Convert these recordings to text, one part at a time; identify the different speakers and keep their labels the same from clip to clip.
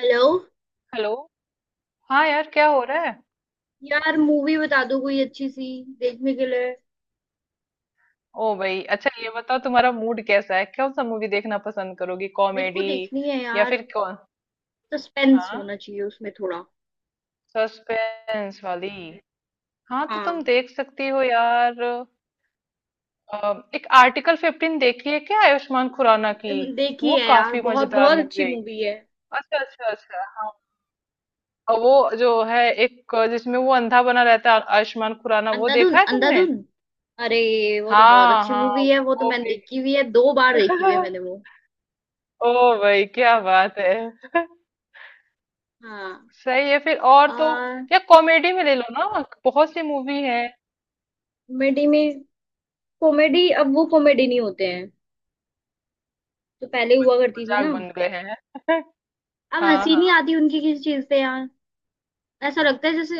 Speaker 1: Hello.
Speaker 2: Hello. हाँ यार क्या हो रहा है।
Speaker 1: यार मूवी बता दो कोई अच्छी सी देखने के लिए।
Speaker 2: ओ भाई अच्छा ये बताओ तुम्हारा मूड कैसा है, कौन सा मूवी देखना पसंद करोगी,
Speaker 1: मेरे को
Speaker 2: कॉमेडी
Speaker 1: देखनी है
Speaker 2: या
Speaker 1: यार।
Speaker 2: फिर कौन।
Speaker 1: सस्पेंस
Speaker 2: हाँ,
Speaker 1: होना चाहिए उसमें थोड़ा।
Speaker 2: सस्पेंस वाली। हाँ तो तुम
Speaker 1: हाँ।
Speaker 2: देख सकती हो यार। एक आर्टिकल 15 देखी है क्या आयुष्मान खुराना की।
Speaker 1: देखी
Speaker 2: वो
Speaker 1: है यार,
Speaker 2: काफी
Speaker 1: बहुत
Speaker 2: मजेदार
Speaker 1: बहुत
Speaker 2: मूवी
Speaker 1: अच्छी
Speaker 2: है।
Speaker 1: मूवी है।
Speaker 2: अच्छा अच्छा अच्छा, हाँ। और वो जो है एक जिसमें वो अंधा बना रहता है आयुष्मान खुराना, वो
Speaker 1: अंधाधुन,
Speaker 2: देखा है तुमने।
Speaker 1: अंधाधुन। अरे वो तो बहुत
Speaker 2: हाँ
Speaker 1: अच्छी
Speaker 2: हाँ
Speaker 1: मूवी है, वो तो
Speaker 2: वो
Speaker 1: मैंने
Speaker 2: भी।
Speaker 1: देखी हुई है, दो बार देखी हुई है मैंने वो।
Speaker 2: ओ भाई क्या बात है।
Speaker 1: हाँ।
Speaker 2: सही है फिर। और तो
Speaker 1: आ।
Speaker 2: या कॉमेडी में ले लो ना, बहुत सी मूवी है।
Speaker 1: कॉमेडी में। कॉमेडी अब वो कॉमेडी नहीं होते हैं जो पहले हुआ करती थी
Speaker 2: मजाक
Speaker 1: ना।
Speaker 2: बन गए हैं।
Speaker 1: अब
Speaker 2: हाँ
Speaker 1: हंसी नहीं
Speaker 2: हाँ।
Speaker 1: आती उनकी किसी चीज से यार। ऐसा लगता है जैसे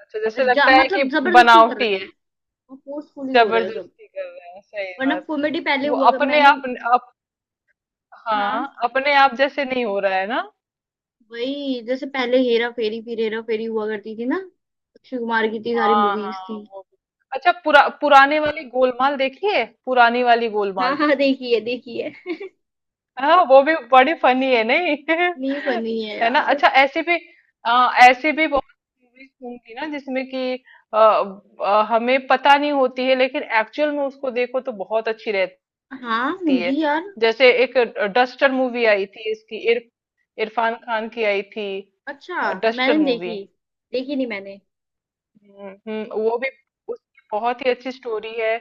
Speaker 2: अच्छा जैसे लगता है कि
Speaker 1: मतलब जबरदस्ती कर
Speaker 2: बनावटी
Speaker 1: रहे
Speaker 2: है,
Speaker 1: हैं। फोर्सफुली हो रहा है सब।
Speaker 2: जबरदस्ती कर रहे हैं, सही
Speaker 1: वरना
Speaker 2: बात।
Speaker 1: कॉमेडी पहले
Speaker 2: वो अपने
Speaker 1: मैंने।
Speaker 2: आप। अप,
Speaker 1: हाँ।
Speaker 2: हाँ अपने आप जैसे नहीं हो रहा है ना।
Speaker 1: वही जैसे पहले हेरा फेरी, फिर हेरा फेरी हुआ करती थी ना। अक्षय कुमार की इतनी सारी
Speaker 2: हाँ
Speaker 1: मूवीज
Speaker 2: हाँ
Speaker 1: थी।
Speaker 2: वो भी। अच्छा पुराने वाली गोलमाल देखी है, पुरानी वाली
Speaker 1: हाँ
Speaker 2: गोलमाल।
Speaker 1: हाँ देखी है देखी है।
Speaker 2: हाँ वो भी बड़ी फनी है नहीं।
Speaker 1: इतनी फनी है
Speaker 2: है ना।
Speaker 1: यार।
Speaker 2: अच्छा ऐसी भी ऐसी भी बहुत मूवीज होंगी ना जिसमें कि अ, हमें पता नहीं होती है लेकिन एक्चुअल में उसको देखो तो बहुत अच्छी रहती
Speaker 1: हाँ होंगी
Speaker 2: है।
Speaker 1: यार।
Speaker 2: जैसे एक डस्टर मूवी आई थी, इरफान खान की आई थी,
Speaker 1: अच्छा मैंने
Speaker 2: डस्टर
Speaker 1: नहीं
Speaker 2: मूवी।
Speaker 1: देखी, देखी नहीं मैंने।
Speaker 2: वो भी उसकी बहुत ही अच्छी स्टोरी है।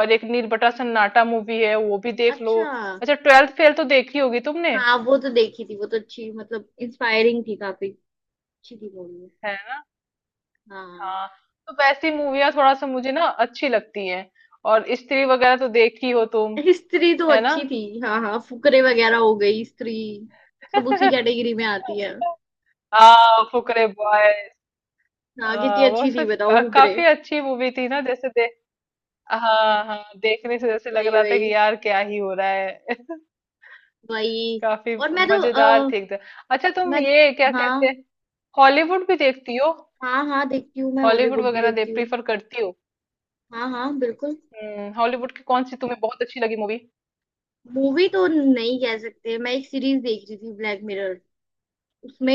Speaker 2: और एक नीरबटा सन्नाटा मूवी है, वो भी देख लो।
Speaker 1: अच्छा।
Speaker 2: अच्छा ट्वेल्थ फेल तो देखी होगी तुमने।
Speaker 1: हाँ वो तो देखी थी, वो तो अच्छी मतलब इंस्पायरिंग थी काफी, अच्छी थी मूवी।
Speaker 2: है
Speaker 1: हाँ।
Speaker 2: हाँ। तो वैसी मूवियाँ थोड़ा सा मुझे ना अच्छी लगती हैं। और स्त्री वगैरह तो देखी हो तुम।
Speaker 1: स्त्री तो
Speaker 2: है ना।
Speaker 1: अच्छी थी, हाँ हाँ, फुकरे वगैरह, हो गई स्त्री, सब उसी कैटेगरी में आती है।
Speaker 2: हाँ फुकरे बॉय।
Speaker 1: हाँ कितनी
Speaker 2: वो
Speaker 1: अच्छी थी बताओ हुकरे।
Speaker 2: काफी अच्छी मूवी थी ना जैसे दे। हाँ हाँ देखने से जैसे लग
Speaker 1: वही
Speaker 2: रहा था कि
Speaker 1: वही
Speaker 2: यार क्या ही हो रहा है।
Speaker 1: वही।
Speaker 2: काफी
Speaker 1: और मैं तो
Speaker 2: मजेदार थी एकदम। अच्छा तुम
Speaker 1: मैं।
Speaker 2: ये क्या कहते
Speaker 1: हाँ
Speaker 2: हैं, हॉलीवुड भी देखती हो।
Speaker 1: हाँ हाँ देखती हूँ, मैं
Speaker 2: हॉलीवुड
Speaker 1: हॉलीवुड भी
Speaker 2: वगैरह दे
Speaker 1: देखती हूँ।
Speaker 2: प्रीफर करती हो।
Speaker 1: हाँ हाँ बिल्कुल।
Speaker 2: हम्म, हॉलीवुड की कौन सी तुम्हें बहुत अच्छी लगी मूवी।
Speaker 1: मूवी तो नहीं कह सकते, मैं एक सीरीज देख रही थी, ब्लैक मिरर। उसमें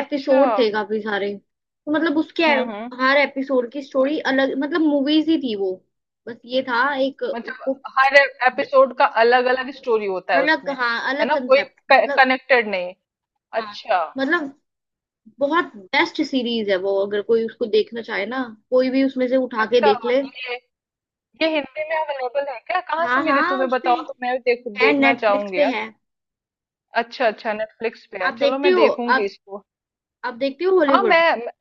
Speaker 2: अच्छा।
Speaker 1: थे काफी सारे, तो मतलब उसके
Speaker 2: हम्म।
Speaker 1: हर एपिसोड की स्टोरी अलग, मतलब मूवीज ही थी वो, बस ये था एक उसको।
Speaker 2: मतलब हर एपिसोड का अलग अलग स्टोरी होता है
Speaker 1: अलग,
Speaker 2: उसमें।
Speaker 1: हाँ
Speaker 2: है
Speaker 1: अलग
Speaker 2: ना, कोई
Speaker 1: कंसेप्ट मतलब।
Speaker 2: कनेक्टेड नहीं।
Speaker 1: हाँ।
Speaker 2: अच्छा
Speaker 1: मतलब बहुत बेस्ट सीरीज है वो, अगर कोई उसको देखना चाहे ना, कोई भी उसमें से उठा के
Speaker 2: अच्छा।
Speaker 1: देख ले।
Speaker 2: ये ये हिंदी में अवेलेबल है क्या, कहाँ से
Speaker 1: हाँ
Speaker 2: मिली
Speaker 1: हाँ
Speaker 2: तुम्हें
Speaker 1: उस पे
Speaker 2: बताओ तो मैं
Speaker 1: है,
Speaker 2: देखना
Speaker 1: नेटफ्लिक्स
Speaker 2: चाहूंगी
Speaker 1: पे
Speaker 2: यार।
Speaker 1: है।
Speaker 2: अच्छा अच्छा, नेटफ्लिक्स पे है,
Speaker 1: आप
Speaker 2: चलो
Speaker 1: देखती
Speaker 2: मैं
Speaker 1: हो?
Speaker 2: देखूंगी
Speaker 1: आप?
Speaker 2: इसको।
Speaker 1: आप देखती हो
Speaker 2: हाँ
Speaker 1: हॉलीवुड?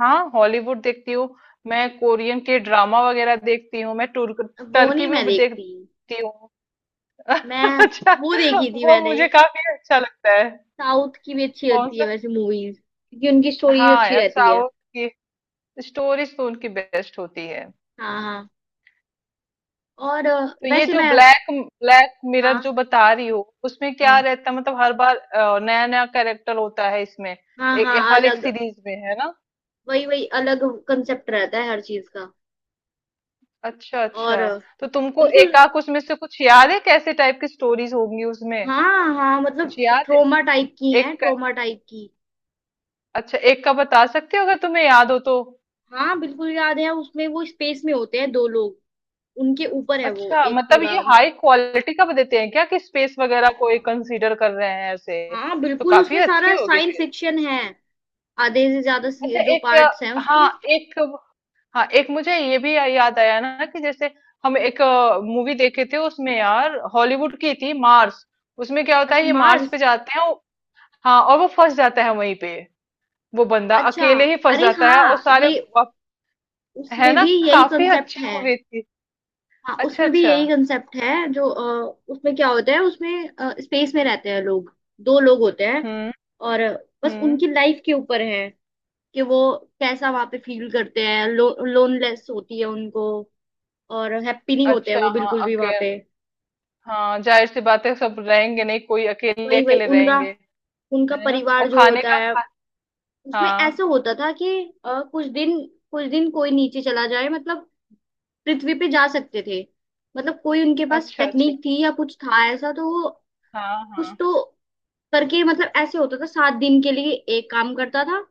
Speaker 2: हाँ हॉलीवुड देखती हूँ। मैं कोरियन के ड्रामा वगैरह देखती हूँ, मैं तुर्क
Speaker 1: वो
Speaker 2: टर्की
Speaker 1: नहीं मैं
Speaker 2: भी
Speaker 1: देखती।
Speaker 2: देखती हूँ।
Speaker 1: मैं
Speaker 2: अच्छा,
Speaker 1: वो देखी थी
Speaker 2: वो
Speaker 1: मैंने।
Speaker 2: मुझे काफी अच्छा लगता है।
Speaker 1: साउथ की भी अच्छी
Speaker 2: कौन
Speaker 1: लगती है
Speaker 2: सा।
Speaker 1: वैसे मूवीज, क्योंकि उनकी स्टोरीज
Speaker 2: हाँ
Speaker 1: अच्छी
Speaker 2: यार
Speaker 1: रहती है।
Speaker 2: साउथ की स्टोरीज तो उनकी बेस्ट होती है।
Speaker 1: हाँ हाँ। और
Speaker 2: तो ये
Speaker 1: वैसे
Speaker 2: जो
Speaker 1: मैं।
Speaker 2: ब्लैक ब्लैक मिरर
Speaker 1: हाँ।
Speaker 2: जो बता रही हो, उसमें क्या
Speaker 1: हाँ
Speaker 2: रहता है, मतलब हर बार नया नया कैरेक्टर होता है इसमें,
Speaker 1: हाँ,
Speaker 2: ए,
Speaker 1: हाँ
Speaker 2: ए, हर एक
Speaker 1: अलग।
Speaker 2: सीरीज में, है ना।
Speaker 1: वही वही, अलग कंसेप्ट रहता है हर चीज का।
Speaker 2: अच्छा अच्छा।
Speaker 1: और
Speaker 2: तो तुमको
Speaker 1: बिल्कुल।
Speaker 2: एकाक उसमें से कुछ याद है, कैसे टाइप की स्टोरीज होंगी उसमें,
Speaker 1: हाँ हाँ
Speaker 2: कुछ
Speaker 1: मतलब
Speaker 2: याद है
Speaker 1: ट्रोमा टाइप की
Speaker 2: एक
Speaker 1: हैं,
Speaker 2: का।
Speaker 1: ट्रोमा टाइप की।
Speaker 2: अच्छा एक का बता सकते हो अगर तुम्हें याद हो तो।
Speaker 1: हाँ बिल्कुल याद है, उसमें वो स्पेस में होते हैं दो लोग, उनके ऊपर है वो
Speaker 2: अच्छा
Speaker 1: एक
Speaker 2: मतलब
Speaker 1: पूरा।
Speaker 2: ये हाई क्वालिटी का देते हैं क्या, कि स्पेस वगैरह को एक कंसीडर कर रहे हैं ऐसे।
Speaker 1: हाँ
Speaker 2: तो
Speaker 1: बिल्कुल,
Speaker 2: काफी
Speaker 1: उसमें
Speaker 2: अच्छी
Speaker 1: सारा
Speaker 2: होगी
Speaker 1: साइंस
Speaker 2: फिर।
Speaker 1: फिक्शन है। आधे से ज्यादा
Speaker 2: अच्छा
Speaker 1: जो
Speaker 2: एक
Speaker 1: पार्ट्स हैं उसके।
Speaker 2: हाँ एक, हाँ एक मुझे ये भी याद आया ना कि जैसे हम एक मूवी देखे थे उसमें यार, हॉलीवुड की थी, मार्स। उसमें क्या होता
Speaker 1: अच्छा
Speaker 2: है, ये मार्स
Speaker 1: मार्स।
Speaker 2: पे जाते हैं हाँ और वो फंस जाता है वहीं पे। वो बंदा
Speaker 1: अच्छा
Speaker 2: अकेले ही फंस
Speaker 1: अरे
Speaker 2: जाता है और
Speaker 1: हाँ
Speaker 2: सारे
Speaker 1: ये,
Speaker 2: वाप- है
Speaker 1: उसमें
Speaker 2: ना।
Speaker 1: भी यही
Speaker 2: काफी
Speaker 1: कंसेप्ट
Speaker 2: अच्छी
Speaker 1: है।
Speaker 2: मूवी थी।
Speaker 1: हाँ
Speaker 2: अच्छा
Speaker 1: उसमें भी
Speaker 2: अच्छा।
Speaker 1: यही कंसेप्ट है, जो उसमें क्या होता है, उसमें स्पेस में रहते हैं लोग, दो लोग होते हैं,
Speaker 2: हम्म
Speaker 1: और बस
Speaker 2: हम्म।
Speaker 1: उनकी लाइफ के ऊपर है कि वो कैसा वहां पे फील करते हैं, लोनलेस होती है उनको, और हैप्पी नहीं होते हैं
Speaker 2: अच्छा
Speaker 1: वो
Speaker 2: हाँ
Speaker 1: बिल्कुल भी
Speaker 2: अके
Speaker 1: वहां पे।
Speaker 2: हाँ जाहिर सी बात है, सब रहेंगे नहीं, कोई अकेले
Speaker 1: वही वही,
Speaker 2: अकेले
Speaker 1: उनका
Speaker 2: रहेंगे।
Speaker 1: उनका
Speaker 2: है ना। और
Speaker 1: परिवार जो
Speaker 2: खाने
Speaker 1: होता
Speaker 2: का
Speaker 1: है, उसमें ऐसा
Speaker 2: हाँ
Speaker 1: होता था कि कुछ दिन, कुछ दिन कोई नीचे चला जाए, मतलब पृथ्वी पे जा सकते थे, मतलब कोई उनके पास
Speaker 2: अच्छा अच्छा।
Speaker 1: टेक्निक थी या कुछ था ऐसा, तो वो
Speaker 2: हाँ
Speaker 1: कुछ
Speaker 2: हाँ।
Speaker 1: तो करके, मतलब ऐसे होता था सात दिन के लिए एक काम करता था,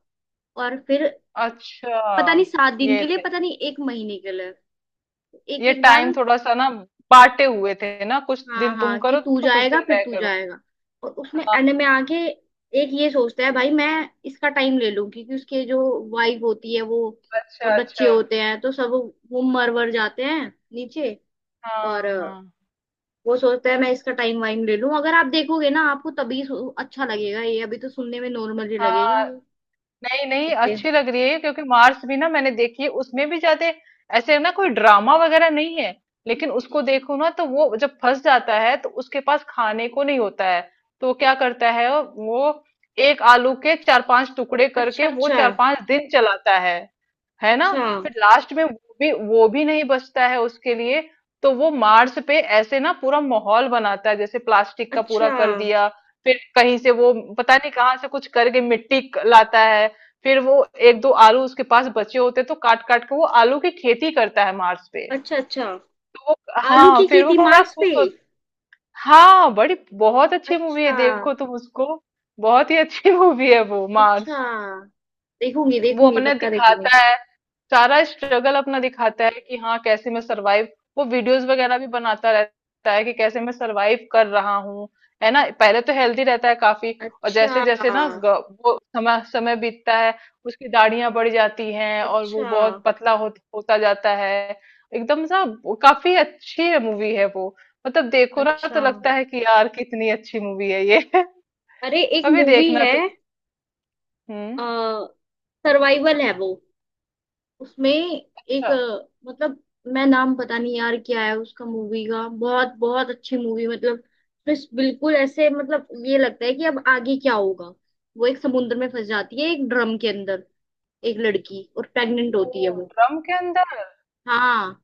Speaker 1: और फिर
Speaker 2: अच्छा
Speaker 1: पता नहीं सात दिन
Speaker 2: ये
Speaker 1: के लिए,
Speaker 2: थे,
Speaker 1: पता नहीं एक महीने के लिए, एक
Speaker 2: ये
Speaker 1: एक
Speaker 2: टाइम
Speaker 1: बार।
Speaker 2: थोड़ा सा ना बांटे हुए थे ना, कुछ
Speaker 1: हाँ
Speaker 2: दिन तुम
Speaker 1: हाँ कि
Speaker 2: करो
Speaker 1: तू
Speaker 2: तो कुछ
Speaker 1: जाएगा,
Speaker 2: दिन
Speaker 1: फिर
Speaker 2: मैं
Speaker 1: तू
Speaker 2: करूँ।
Speaker 1: जाएगा। और उसमें
Speaker 2: हाँ
Speaker 1: एंड में आके एक ये सोचता है भाई मैं इसका टाइम ले लूं, क्योंकि उसके जो वाइफ होती है वो, और
Speaker 2: अच्छा
Speaker 1: बच्चे
Speaker 2: अच्छा।
Speaker 1: होते हैं तो सब, वो मर वर जाते हैं नीचे।
Speaker 2: हाँ
Speaker 1: और
Speaker 2: हाँ
Speaker 1: वो सोचता है मैं इसका टाइम वाइम ले लूं। अगर आप देखोगे ना आपको तभी अच्छा लगेगा, ये अभी तो सुनने में नॉर्मल ही
Speaker 2: हाँ।
Speaker 1: लगेगा।
Speaker 2: नहीं नहीं,
Speaker 1: इतने।
Speaker 2: अच्छी लग रही है, क्योंकि मार्स भी ना मैंने देखी है, उसमें भी ज्यादा ऐसे ना कोई ड्रामा वगैरह नहीं है। लेकिन उसको देखो ना तो वो जब फंस जाता है तो उसके पास खाने को नहीं होता है, तो क्या करता है वो एक आलू के चार पांच टुकड़े करके
Speaker 1: अच्छा,
Speaker 2: वो
Speaker 1: अच्छा
Speaker 2: चार पांच दिन चलाता है। है ना।
Speaker 1: अच्छा,
Speaker 2: फिर लास्ट में वो भी नहीं बचता है उसके लिए। तो वो मार्स पे ऐसे ना पूरा माहौल बनाता है जैसे प्लास्टिक का पूरा
Speaker 1: अच्छा
Speaker 2: कर दिया। फिर कहीं से वो पता नहीं कहाँ से कुछ करके मिट्टी लाता है। फिर वो एक दो आलू उसके पास बचे होते तो काट काट के वो आलू की खेती करता है मार्स पे।
Speaker 1: अच्छा अच्छा।
Speaker 2: तो वो
Speaker 1: आलू
Speaker 2: हाँ
Speaker 1: की
Speaker 2: फिर वो
Speaker 1: खेती
Speaker 2: बड़ा
Speaker 1: मार्स
Speaker 2: खुश
Speaker 1: पे।
Speaker 2: होता। हाँ बड़ी बहुत अच्छी मूवी है,
Speaker 1: अच्छा।
Speaker 2: देखो तुम उसको। बहुत ही अच्छी मूवी है वो
Speaker 1: अच्छा
Speaker 2: मार्स।
Speaker 1: देखूंगी
Speaker 2: वो
Speaker 1: देखूंगी,
Speaker 2: अपने
Speaker 1: पक्का देखूंगी।
Speaker 2: दिखाता है सारा स्ट्रगल अपना दिखाता है कि हाँ कैसे मैं सरवाइव। वो वीडियोस वगैरह भी बनाता रहता है कि कैसे मैं सरवाइव कर रहा हूँ। है ना, पहले तो हेल्दी रहता है काफी, और जैसे
Speaker 1: अच्छा।
Speaker 2: जैसे ना वो समय समय बीतता है, उसकी दाढ़ियां बढ़ जाती हैं और वो
Speaker 1: अच्छा।
Speaker 2: बहुत पतला होता जाता है एकदम सा। वो काफी अच्छी है मूवी है वो, मतलब देखो ना तो
Speaker 1: अच्छा
Speaker 2: लगता है कि यार कितनी अच्छी मूवी है ये।
Speaker 1: अरे एक
Speaker 2: कभी
Speaker 1: मूवी
Speaker 2: देखना
Speaker 1: है,
Speaker 2: तो। हम्म।
Speaker 1: आ, सर्वाइवल है वो। उसमें एक
Speaker 2: अच्छा।
Speaker 1: मतलब मैं नाम पता नहीं यार क्या है उसका, मूवी का, बहुत बहुत अच्छी मूवी मतलब। बस बिल्कुल ऐसे मतलब ये लगता है कि अब आगे क्या होगा। वो एक समुद्र में फंस जाती है एक ड्रम के अंदर, एक लड़की, और प्रेग्नेंट
Speaker 2: ओ
Speaker 1: होती है वो।
Speaker 2: ड्रम के अंदर।
Speaker 1: हाँ।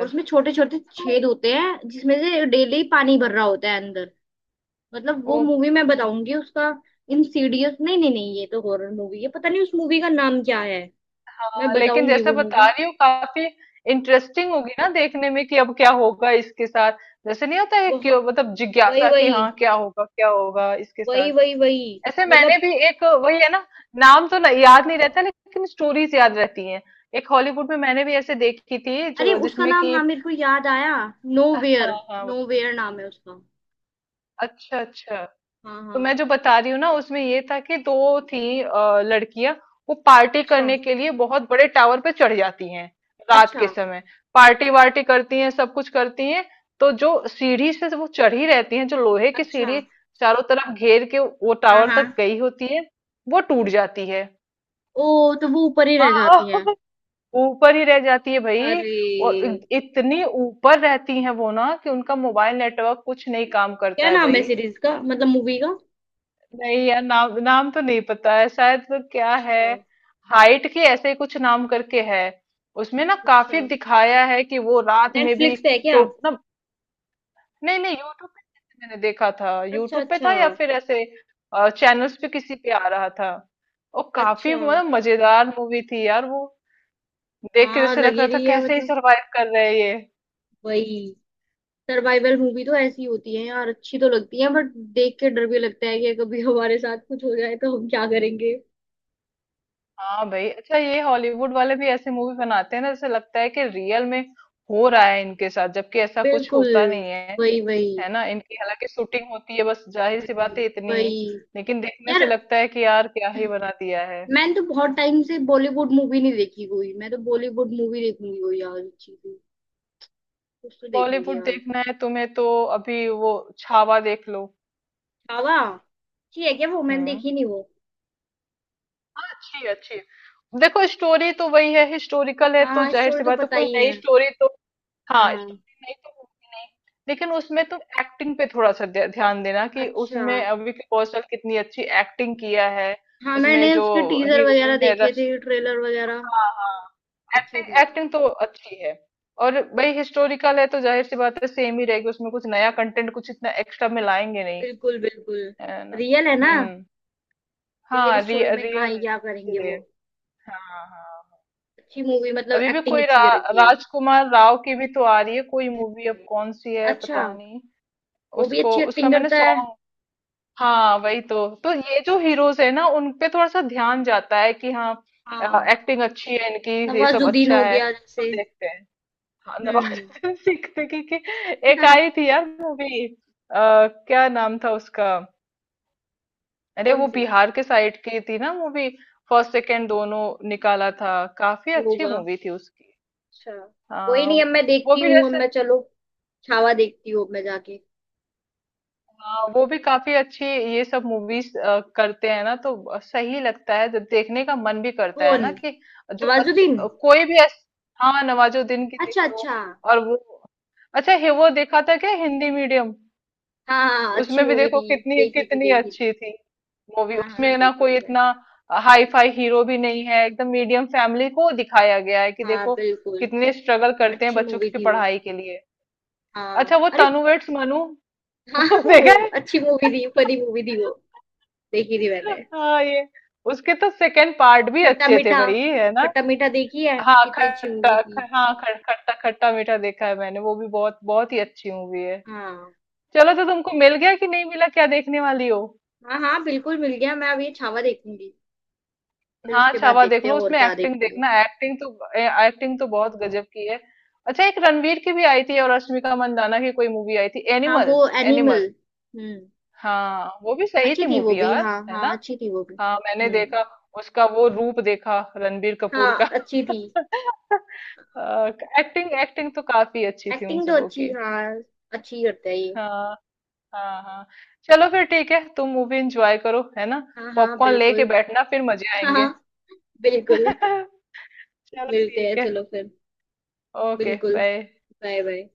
Speaker 1: और उसमें छोटे छोटे छेद होते हैं जिसमें से डेली पानी भर रहा
Speaker 2: हाँ।
Speaker 1: होता है अंदर। मतलब वो
Speaker 2: ओ
Speaker 1: मूवी मैं
Speaker 2: भाई
Speaker 1: बताऊंगी उसका। इंसीडियस, नहीं नहीं नहीं ये तो हॉरर मूवी है, पता नहीं उस मूवी का नाम क्या है। मैं
Speaker 2: लेकिन
Speaker 1: बताऊंगी
Speaker 2: जैसे
Speaker 1: वो
Speaker 2: बता
Speaker 1: मूवी।
Speaker 2: रही हूँ काफी इंटरेस्टिंग होगी ना देखने में कि अब क्या होगा इसके साथ, जैसे नहीं होता है कि
Speaker 1: बहुत।
Speaker 2: मतलब
Speaker 1: वही
Speaker 2: जिज्ञासा कि
Speaker 1: वही
Speaker 2: हाँ क्या होगा इसके
Speaker 1: वही,
Speaker 2: साथ।
Speaker 1: वही वही,
Speaker 2: ऐसे मैंने
Speaker 1: मतलब।
Speaker 2: भी एक वही है ना, नाम तो नहीं- याद नहीं रहता लेकिन स्टोरीज याद रहती हैं। एक हॉलीवुड में मैंने भी ऐसे देखी थी
Speaker 1: अरे
Speaker 2: जो
Speaker 1: उसका
Speaker 2: जिसमें
Speaker 1: नाम
Speaker 2: कि
Speaker 1: हाँ मेरे को याद आया,
Speaker 2: हाँ हाँ
Speaker 1: नोवेयर,
Speaker 2: हाँ,
Speaker 1: नोवेयर नाम है उसका।
Speaker 2: अच्छा अच्छा।
Speaker 1: हाँ
Speaker 2: तो
Speaker 1: हाँ।
Speaker 2: मैं जो बता रही हूँ ना, उसमें ये था कि दो थी लड़कियां। वो पार्टी
Speaker 1: अच्छा
Speaker 2: करने के लिए बहुत बड़े टावर पे चढ़ जाती हैं रात के
Speaker 1: अच्छा।
Speaker 2: समय, पार्टी वार्टी करती हैं सब कुछ करती हैं। तो जो सीढ़ी से वो चढ़ी रहती हैं, जो लोहे की
Speaker 1: अच्छा।
Speaker 2: सीढ़ी चारों तरफ घेर के वो
Speaker 1: हाँ
Speaker 2: टावर तक
Speaker 1: हाँ।
Speaker 2: गई होती है, वो टूट जाती है।
Speaker 1: ओ, तो वो ऊपर ही रह
Speaker 2: हाँ।
Speaker 1: जाती है।
Speaker 2: ऊपर ही रह जाती है भाई।
Speaker 1: अरे।
Speaker 2: और इतनी ऊपर रहती है वो ना कि उनका मोबाइल नेटवर्क कुछ नहीं काम करता
Speaker 1: क्या
Speaker 2: है
Speaker 1: नाम है
Speaker 2: भाई।
Speaker 1: सीरीज का, मतलब मूवी का।
Speaker 2: नहीं यार, नाम नाम तो नहीं पता है, शायद वो क्या है
Speaker 1: अच्छा।
Speaker 2: हाइट के ऐसे ही कुछ नाम करके है। उसमें ना
Speaker 1: अच्छा
Speaker 2: काफी दिखाया है कि वो रात में भी।
Speaker 1: नेटफ्लिक्स पे है क्या?
Speaker 2: तो ना नहीं नहीं, यूट्यूब पे किसी मैंने देखा था,
Speaker 1: अच्छा
Speaker 2: यूट्यूब पे
Speaker 1: अच्छा।
Speaker 2: था या फिर ऐसे चैनल्स पे किसी पे आ रहा था। और काफी
Speaker 1: अच्छा
Speaker 2: मतलब मजेदार मूवी थी यार वो, देख के
Speaker 1: हाँ
Speaker 2: जैसे लग
Speaker 1: लगी
Speaker 2: रहा था
Speaker 1: रही है
Speaker 2: कैसे ही
Speaker 1: मतलब।
Speaker 2: सरवाइव कर रहे हैं ये।
Speaker 1: वही। सर्वाइवल मूवी तो ऐसी होती है यार, अच्छी तो लगती है बट देख के डर भी लगता है कि कभी हमारे साथ कुछ हो जाए तो हम क्या करेंगे।
Speaker 2: हाँ भाई। अच्छा ये हॉलीवुड वाले भी ऐसे मूवी बनाते हैं ना जैसे लगता है कि रियल में हो रहा है इनके साथ, जबकि ऐसा कुछ
Speaker 1: बिल्कुल,
Speaker 2: होता नहीं है।
Speaker 1: वही वही।
Speaker 2: है ना, इनकी हालांकि शूटिंग होती है बस, जाहिर सी बात है इतनी ही।
Speaker 1: वही।
Speaker 2: लेकिन देखने
Speaker 1: यार
Speaker 2: से लगता है कि यार क्या ही बना दिया है।
Speaker 1: मैंने तो बहुत टाइम से बॉलीवुड मूवी नहीं देखी कोई, मैं तो बॉलीवुड मूवी देखूंगी कोई यार अच्छी सी, कुछ तो देखूंगी
Speaker 2: बॉलीवुड
Speaker 1: यार।
Speaker 2: देखना है तुम्हें तो अभी वो छावा देख लो।
Speaker 1: छावा अच्छी है क्या? वो मैंने
Speaker 2: हम्म,
Speaker 1: देखी नहीं वो।
Speaker 2: अच्छी अच्छी। देखो स्टोरी तो वही है, हिस्टोरिकल है
Speaker 1: हाँ
Speaker 2: तो
Speaker 1: हाँ
Speaker 2: जाहिर
Speaker 1: स्टोरी
Speaker 2: सी
Speaker 1: तो
Speaker 2: बात है
Speaker 1: पता
Speaker 2: कोई
Speaker 1: ही
Speaker 2: नई
Speaker 1: है।
Speaker 2: स्टोरी तो। हाँ
Speaker 1: हाँ।
Speaker 2: स्टोरी नई तो होगी नहीं। लेकिन उसमें तुम एक्टिंग पे थोड़ा सा ध्यान देना कि
Speaker 1: अच्छा
Speaker 2: उसमें विकी कौशल कितनी अच्छी एक्टिंग किया है।
Speaker 1: हाँ
Speaker 2: उसमें
Speaker 1: मैंने
Speaker 2: जो
Speaker 1: उसके टीजर वगैरह
Speaker 2: हीरोइन है।
Speaker 1: देखे थे, ट्रेलर वगैरह,
Speaker 2: हाँ हाँ,
Speaker 1: अच्छे थे।
Speaker 2: एक्टिंग एक्टिंग तो अच्छी है। और भाई हिस्टोरिकल है तो जाहिर सी बात है सेम ही रहेगी, उसमें कुछ नया कंटेंट कुछ इतना एक्स्ट्रा में लाएंगे नहीं।
Speaker 1: बिल्कुल बिल्कुल।
Speaker 2: है ना।
Speaker 1: रियल है ना।
Speaker 2: हम्म।
Speaker 1: रियल
Speaker 2: हाँ
Speaker 1: स्टोरी में कहाँ
Speaker 2: रियल
Speaker 1: ही
Speaker 2: है
Speaker 1: क्या करेंगे वो।
Speaker 2: इसलिए। हाँ हाँ।
Speaker 1: अच्छी मूवी मतलब,
Speaker 2: अभी भी
Speaker 1: एक्टिंग
Speaker 2: कोई
Speaker 1: अच्छी कर रखी है।
Speaker 2: राजकुमार राव की भी तो आ रही है कोई मूवी, अब कौन सी है
Speaker 1: अच्छा।
Speaker 2: पता नहीं।
Speaker 1: वो भी
Speaker 2: उसको
Speaker 1: अच्छी
Speaker 2: उसका
Speaker 1: एक्टिंग
Speaker 2: मैंने
Speaker 1: करता है।
Speaker 2: सॉन्ग। हाँ वही तो ये जो हीरोज है ना उन पे थोड़ा सा ध्यान जाता है कि हाँ
Speaker 1: हाँ
Speaker 2: एक्टिंग अच्छी है इनकी। ये सब
Speaker 1: नवाजुद्दीन
Speaker 2: अच्छा
Speaker 1: हो
Speaker 2: है,
Speaker 1: गया
Speaker 2: तो
Speaker 1: जैसे।
Speaker 2: देखते हैं। हाँ,
Speaker 1: हम्म।
Speaker 2: नवाजुद्दीन सिद्दीकी की एक आई थी यार मूवी, क्या नाम था उसका। अरे
Speaker 1: कौन
Speaker 2: वो
Speaker 1: सी
Speaker 2: बिहार के साइड की थी ना मूवी, फर्स्ट सेकंड दोनों निकाला था, काफी अच्छी
Speaker 1: होगा।
Speaker 2: मूवी थी उसकी।
Speaker 1: अच्छा कोई
Speaker 2: हाँ
Speaker 1: नहीं अब मैं
Speaker 2: वो
Speaker 1: देखती
Speaker 2: भी
Speaker 1: हूँ, अब
Speaker 2: जैसे
Speaker 1: मैं चलो छावा देखती हूँ, अब मैं जाके।
Speaker 2: हाँ वो भी काफी अच्छी। ये सब मूवीज करते हैं ना तो सही लगता है, तो देखने का मन भी करता है
Speaker 1: कौन,
Speaker 2: ना कि जो अच्छ,
Speaker 1: नवाजुद्दीन?
Speaker 2: कोई भी ऐस, हाँ नवाजुद्दीन की देख
Speaker 1: अच्छा
Speaker 2: लो।
Speaker 1: अच्छा हाँ।
Speaker 2: और वो अच्छा, हे वो देखा था क्या हिंदी मीडियम।
Speaker 1: हाँ हाँ, अच्छी
Speaker 2: उसमें भी
Speaker 1: मूवी
Speaker 2: देखो
Speaker 1: थी,
Speaker 2: कितनी
Speaker 1: देखी थी
Speaker 2: कितनी
Speaker 1: देखी थी।
Speaker 2: अच्छी थी मूवी,
Speaker 1: हाँ हाँ
Speaker 2: उसमें ना
Speaker 1: देखी थी
Speaker 2: कोई
Speaker 1: मैंने।
Speaker 2: इतना हाई फाई हीरो भी नहीं है, एकदम मीडियम फैमिली को दिखाया गया है कि
Speaker 1: हाँ
Speaker 2: देखो
Speaker 1: बिल्कुल।
Speaker 2: कितने स्ट्रगल करते हैं
Speaker 1: अच्छी
Speaker 2: बच्चों
Speaker 1: मूवी
Speaker 2: की
Speaker 1: थी वो।
Speaker 2: पढ़ाई के लिए।
Speaker 1: हाँ
Speaker 2: अच्छा वो
Speaker 1: अरे।
Speaker 2: तनु वेड्स मनु
Speaker 1: हाँ
Speaker 2: वो
Speaker 1: हाँ, वो
Speaker 2: देखा है।
Speaker 1: अच्छी मूवी थी, फनी मूवी थी वो, देखी थी मैंने।
Speaker 2: हाँ ये उसके तो सेकंड पार्ट भी
Speaker 1: खट्टा
Speaker 2: अच्छे थे
Speaker 1: मीठा,
Speaker 2: भाई, है ना।
Speaker 1: खट्टा मीठा देखी है,
Speaker 2: हाँ
Speaker 1: कितनी अच्छी मूवी
Speaker 2: खट्टा ख,
Speaker 1: थी।
Speaker 2: हाँ ख, खट्टा खट्टा मीठा देखा है मैंने वो भी, बहुत बहुत ही अच्छी मूवी है।
Speaker 1: हाँ।
Speaker 2: चलो तो तुमको मिल गया कि नहीं मिला क्या देखने वाली हो।
Speaker 1: हाँ हाँ बिल्कुल मिल गया, मैं अब ये छावा देखूंगी, फिर
Speaker 2: हाँ
Speaker 1: उसके बाद
Speaker 2: छावा देख
Speaker 1: देखते हैं
Speaker 2: लो,
Speaker 1: और
Speaker 2: उसमें
Speaker 1: क्या
Speaker 2: एक्टिंग
Speaker 1: देखेंगे।
Speaker 2: देखना, एक्टिंग तो बहुत गजब की है। अच्छा एक रणवीर की भी आई थी और रश्मिका मंदाना की कोई मूवी आई थी,
Speaker 1: हाँ वो
Speaker 2: एनिमल।
Speaker 1: एनिमल।
Speaker 2: एनिमल
Speaker 1: हम्म।
Speaker 2: हाँ वो भी सही
Speaker 1: अच्छी
Speaker 2: थी
Speaker 1: थी वो
Speaker 2: मूवी
Speaker 1: भी,
Speaker 2: यार,
Speaker 1: हाँ
Speaker 2: है ना।
Speaker 1: हाँ अच्छी थी वो भी।
Speaker 2: हाँ मैंने
Speaker 1: हम्म।
Speaker 2: देखा उसका वो रूप देखा रणबीर
Speaker 1: हाँ
Speaker 2: कपूर का।
Speaker 1: अच्छी थी।
Speaker 2: एक्टिंग एक्टिंग तो काफी अच्छी थी उन
Speaker 1: एक्टिंग तो
Speaker 2: सबों
Speaker 1: अच्छी
Speaker 2: की।
Speaker 1: हाँ, अच्छी करता है ये।
Speaker 2: हाँ हाँ हाँ। चलो फिर ठीक है, तुम मूवी एंजॉय करो, है ना।
Speaker 1: हाँ हाँ
Speaker 2: पॉपकॉर्न लेके
Speaker 1: बिल्कुल।
Speaker 2: बैठना फिर मजे
Speaker 1: हाँ
Speaker 2: आएंगे।
Speaker 1: हाँ, बिल्कुल।
Speaker 2: चलो
Speaker 1: मिलते हैं,
Speaker 2: ठीक है।
Speaker 1: चलो फिर।
Speaker 2: ओके
Speaker 1: बिल्कुल।
Speaker 2: बाय।
Speaker 1: Bye bye.